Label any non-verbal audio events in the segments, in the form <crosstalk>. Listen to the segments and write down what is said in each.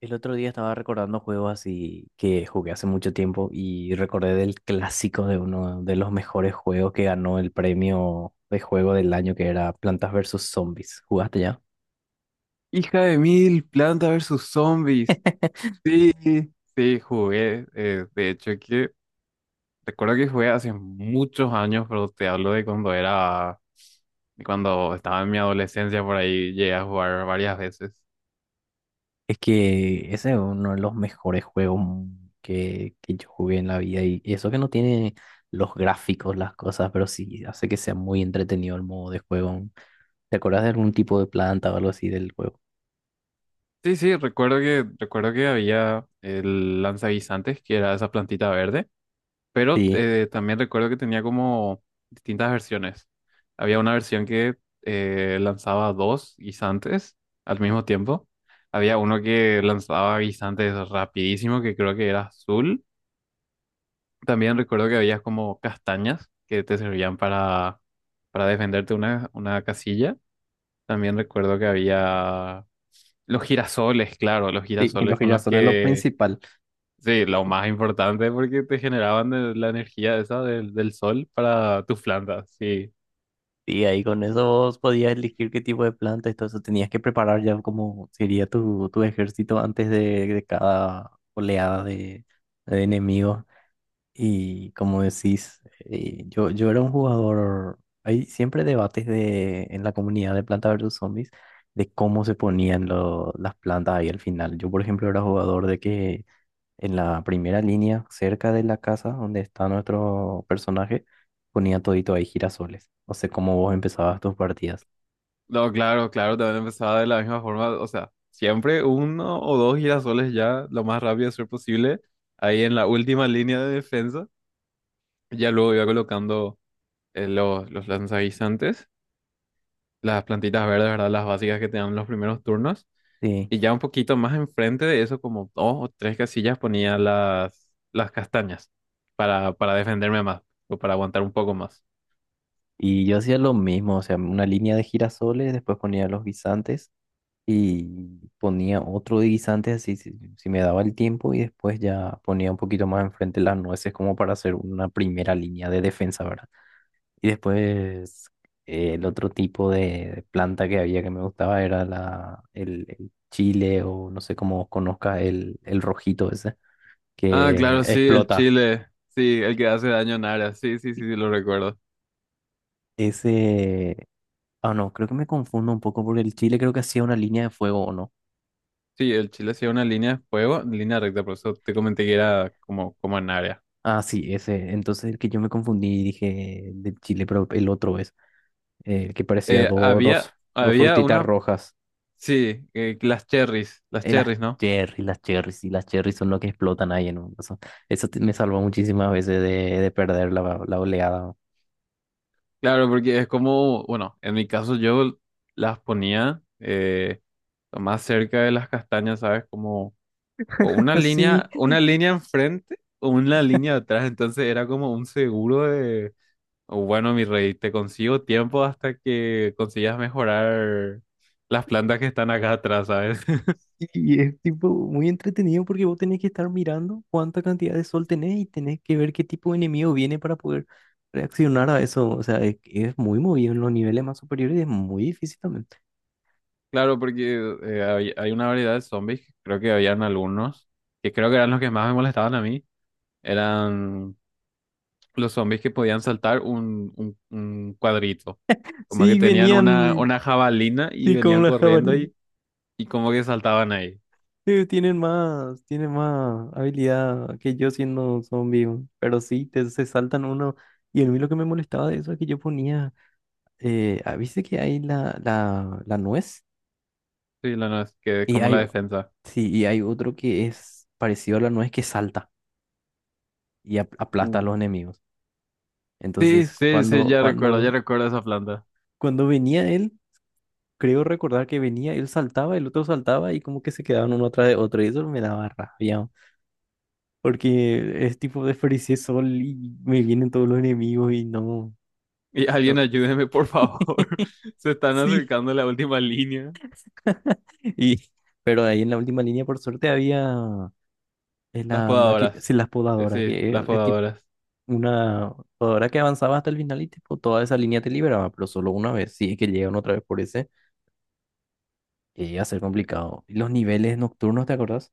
El otro día estaba recordando juegos así que jugué hace mucho tiempo y recordé del clásico de uno de los mejores juegos que ganó el premio de juego del año que era Plantas versus Zombies. ¿Jugaste ya? Hija de mil, Planta versus Zombies. <laughs> Sí, sí, jugué. De hecho, que recuerdo que jugué hace muchos años, pero te hablo de cuando era, de cuando estaba en mi adolescencia, por ahí llegué a jugar varias veces. Es que ese es uno de los mejores juegos que yo jugué en la vida y eso que no tiene los gráficos, las cosas, pero sí hace que sea muy entretenido el modo de juego. ¿Te acuerdas de algún tipo de planta o algo así del juego? Sí, sí, recuerdo que había el lanzaguisantes, que era esa plantita verde. Pero Sí, también recuerdo que tenía como distintas versiones. Había una versión que lanzaba dos guisantes al mismo tiempo. Había uno que lanzaba guisantes rapidísimo, que creo que era azul. También recuerdo que había como castañas que te servían para defenderte una casilla. También recuerdo que había los girasoles, claro, los sí, <laughs> lo girasoles que con ya los solo es lo que... principal. Sí, lo más importante porque te generaban la energía esa del, del sol para tus plantas, sí. Y ahí con eso vos podías elegir qué tipo de planta y todo eso. Tenías que preparar ya como sería tu ejército antes de cada oleada de enemigos. Y como decís, yo era un jugador. Hay siempre debates de, en la comunidad de Planta versus Zombies de cómo se ponían las plantas ahí al final. Yo, por ejemplo, era jugador de que en la primera línea, cerca de la casa donde está nuestro personaje, ponía todito ahí girasoles. O sea, como vos empezabas tus partidas. No, claro, claro, también empezaba de la misma forma, o sea, siempre uno o dos girasoles ya, lo más rápido ser posible, ahí en la última línea de defensa, ya luego iba colocando los lanzaguisantes, las plantitas verdes, ¿verdad? Las básicas que te dan los primeros turnos. Sí. Y ya un poquito más enfrente de eso, como dos o tres casillas, ponía las castañas para defenderme más o para aguantar un poco más. Y yo hacía lo mismo, o sea, una línea de girasoles, después ponía los guisantes y ponía otro de guisantes así si me daba el tiempo y después ya ponía un poquito más enfrente las nueces como para hacer una primera línea de defensa, ¿verdad? Y después el otro tipo de planta que había que me gustaba era el chile, o no sé cómo conozcas el rojito ese Ah, que claro, sí, el explota. chile. Sí, el que hace daño en área. Sí, sí, sí, sí, lo recuerdo. Ese... Ah, no, creo que me confundo un poco porque el chile creo que hacía una línea de fuego o no. Sí, el chile hacía una línea de fuego, línea recta, por eso te comenté que era como, como en área. Ah, sí, ese. Entonces el que yo me confundí y dije del chile, pero el otro es el que parecía dos, Había, dos había frutitas una, rojas. sí, las Y cherries, ¿no? Las cherries, y las cherries son lo que explotan ahí en un... Eso, me salvó muchísimas veces de perder la oleada. Claro, porque es como, bueno, en mi caso yo las ponía. Más cerca de las castañas, ¿sabes? Como o <laughs> Sí, una línea enfrente o una línea atrás. Entonces era como un seguro de, o bueno, mi rey, te consigo tiempo hasta que consigas mejorar las plantas que están acá atrás, ¿sabes? <laughs> y es tipo muy entretenido porque vos tenés que estar mirando cuánta cantidad de sol tenés y tenés que ver qué tipo de enemigo viene para poder reaccionar a eso. O sea, es muy movido en los niveles más superiores y es muy difícil también. Claro, porque hay, hay una variedad de zombies, que creo que habían algunos, que creo que eran los que más me molestaban a mí, eran los zombies que podían saltar un, un cuadrito. Como que Sí, tenían venían una jabalina y sí, con venían la corriendo jabalina. y... Y como que saltaban ahí. Sí, tienen más habilidad que yo siendo zombie, weón. Pero sí, te, se saltan uno. Y a mí lo que me molestaba de eso es que yo ponía, ¿viste que hay la nuez? Sí, la no, que Y como hay, la defensa. sí, y hay otro que es parecido a la nuez que salta y aplasta a Uh, los enemigos. Sí, Entonces, sí, sí, cuando, ya cuando, recuerdo esa planta. cuando venía él, creo recordar que venía, él saltaba, el otro saltaba y como que se quedaban uno atrás de otro y eso me daba rabia. Porque es tipo desperdicié sol y me vienen todos los enemigos y no, Y alguien no. ayúdeme, por favor. <laughs> <laughs> Se están Sí. acercando a la última línea. <laughs> Y, pero ahí en la última línea, por suerte, había Las la máquina, podadoras. sí, las podadoras, Sí, que las es tipo podadoras. una podadora que avanzaba hasta el final y tipo toda esa línea te liberaba, pero solo una vez. Si es que llegan otra vez por ese, que iba a ser complicado. Y los niveles nocturnos, ¿te acordás?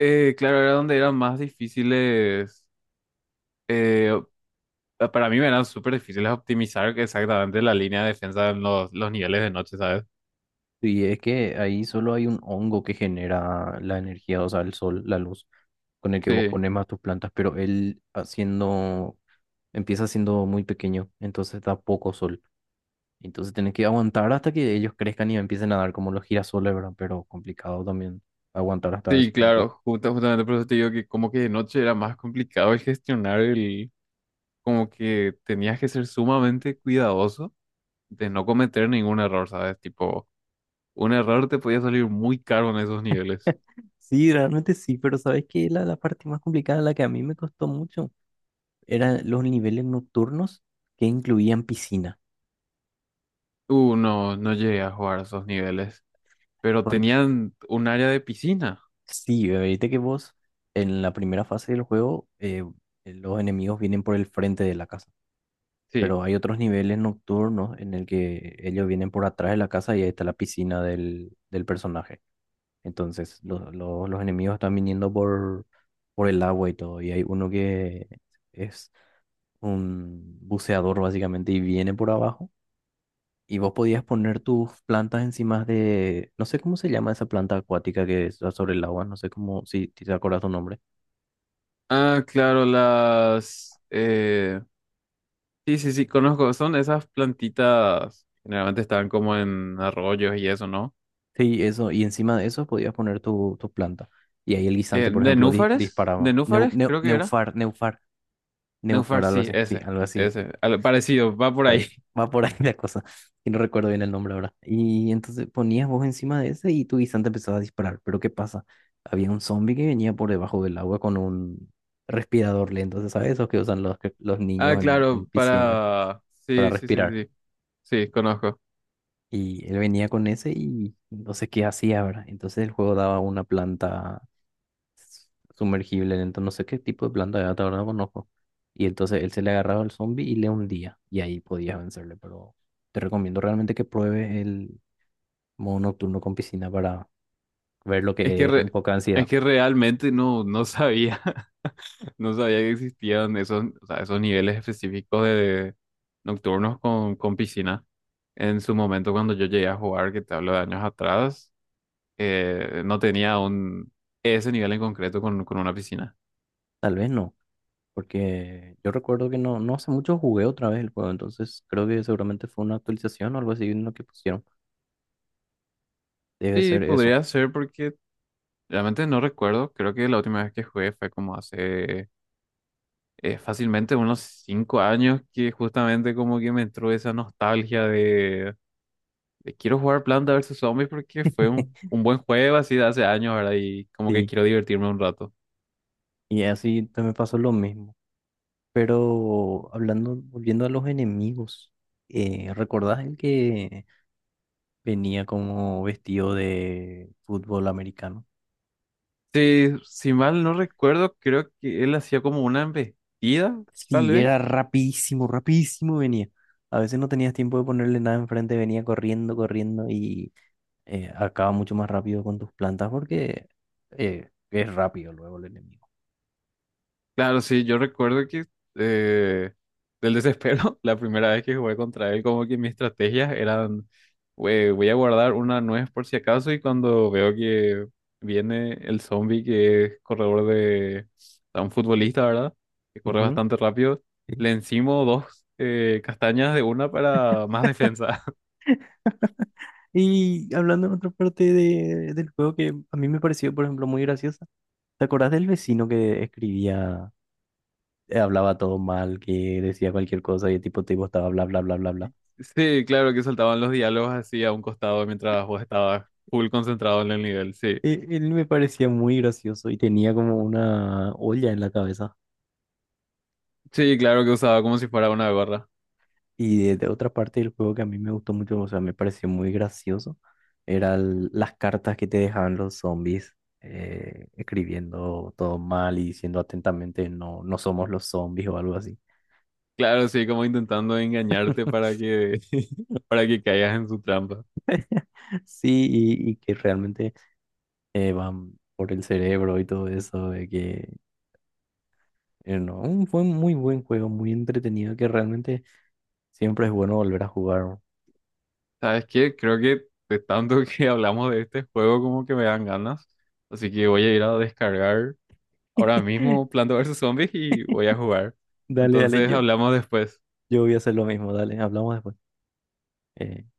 Claro, era donde eran más difíciles. eh, para mí me eran súper difíciles optimizar exactamente la línea de defensa en los niveles de noche, ¿sabes? Y es que ahí solo hay un hongo que genera la energía, o sea, el sol, la luz, con el que vos Sí, pones más tus plantas, pero él haciendo, empieza siendo muy pequeño, entonces da poco sol. Entonces tenés que aguantar hasta que ellos crezcan y empiecen a dar como los girasoles, ¿verdad? Pero complicado también aguantar hasta ese sí, punto. claro. Justamente por eso te digo que como que de noche era más complicado el gestionar el... como que tenías que ser sumamente cuidadoso de no cometer ningún error, ¿sabes? Tipo, un error te podía salir muy caro en esos niveles. Sí, realmente sí, pero ¿sabes qué? La parte más complicada, la que a mí me costó mucho, eran los niveles nocturnos que incluían piscina. No, no llegué a jugar a esos niveles, pero tenían un área de piscina. Sí, viste que vos en la primera fase del juego los enemigos vienen por el frente de la casa, Sí. pero hay otros niveles nocturnos en el que ellos vienen por atrás de la casa y ahí está la piscina del personaje. Entonces los enemigos están viniendo por el agua y todo, y hay uno que es un buceador básicamente y viene por abajo. Y vos podías poner tus plantas encima de, no sé cómo se llama esa planta acuática que está sobre el agua, no sé cómo, si te acuerdas tu nombre. Ah, claro, las... sí, sí, sí, conozco. Son esas plantitas, generalmente estaban como en arroyos y eso, ¿no? Sí, eso, y encima de eso podías poner tu planta. Y ahí el guisante, por ¿De ejemplo, núfares? ¿De disparaba. Neu- núfares? neu- Creo que era. neufar, neufar, Núfar, neufar, algo sí, así. Sí, ese. algo así. Ese. Parecido, va por Par- ahí. Va por <laughs> ahí la cosa. Y no recuerdo bien el nombre ahora. Y entonces ponías vos encima de ese y tu guisante empezaba a disparar. Pero ¿qué pasa? Había un zombie que venía por debajo del agua con un respirador lento. Entonces, ¿sabes? Esos que usan los Ah, niños en claro, piscina para... para Sí, sí, sí, respirar. sí, sí, conozco. Y él venía con ese y no sé qué hacía, ¿verdad? Entonces el juego daba una planta sumergible, entonces no sé qué tipo de planta era, ahora no conozco. Y entonces él se le agarraba al zombie y le hundía, y ahí podías vencerle, pero te recomiendo realmente que pruebes el modo nocturno con piscina para ver lo Es que, que es un poco de es ansiedad. que realmente no, no sabía, <laughs> no sabía que existían esos, o sea, esos niveles específicos de nocturnos con piscina. En su momento, cuando yo llegué a jugar, que te hablo de años atrás, no tenía un, ese nivel en concreto con una piscina. Tal vez no, porque yo recuerdo que no, no hace mucho jugué otra vez el juego, entonces creo que seguramente fue una actualización o algo así en lo que pusieron. Debe Sí, ser eso. podría ser porque realmente no recuerdo, creo que la última vez que jugué fue como hace... fácilmente unos 5 años que justamente como que me entró esa nostalgia de quiero jugar Planta vs Zombies porque fue <laughs> un buen juego así de hace años, ¿verdad? Y como que Sí, quiero divertirme un rato. y así te me pasó lo mismo. Pero hablando, volviendo a los enemigos, ¿recordás el que venía como vestido de fútbol americano? Sí, si mal no recuerdo, creo que él hacía como una embestida, tal Sí, era vez. rapidísimo, rapidísimo venía. A veces no tenías tiempo de ponerle nada enfrente, venía corriendo, corriendo y acaba mucho más rápido con tus plantas porque es rápido luego el enemigo. Claro, sí, yo recuerdo que eh, del desespero, <laughs> la primera vez que jugué contra él, como que mis estrategias eran, "Güey, voy a guardar una nuez por si acaso y cuando veo que viene el zombie que es corredor de un futbolista, ¿verdad? Que corre Ujú. bastante rápido, Sí. le encimo dos castañas de una para más defensa". <laughs> Y hablando en otra parte del juego que a mí me pareció, por ejemplo, muy graciosa, ¿te acordás del vecino que escribía? Hablaba todo mal, que decía cualquier cosa y el tipo, tipo estaba bla, bla, bla, bla, bla. Sí, claro que soltaban los diálogos así a un costado mientras vos estabas full concentrado en el nivel, sí. Él me parecía muy gracioso y tenía como una olla en la cabeza. Sí, claro que usaba como si fuera una gorra. Y de otra parte del juego que a mí me gustó mucho, o sea, me pareció muy gracioso, eran las cartas que te dejaban los zombies. Escribiendo todo mal y diciendo atentamente no, no somos los zombies o algo así. Claro, sí, como intentando engañarte para <laughs> que, <laughs> para que caigas en su trampa. Sí, y que realmente van por el cerebro y todo eso, de que no, un- fue un muy buen juego, muy entretenido, que realmente siempre es bueno volver a jugar. ¿No? ¿Sabes qué? Creo que de tanto <laughs> que hablamos de este juego como que me dan ganas. Así que voy a ir a descargar ahora <laughs> mismo Planta vs Zombies y voy a jugar. Dale, dale, Entonces hablamos después. yo voy a hacer lo mismo, dale, hablamos después. Eh,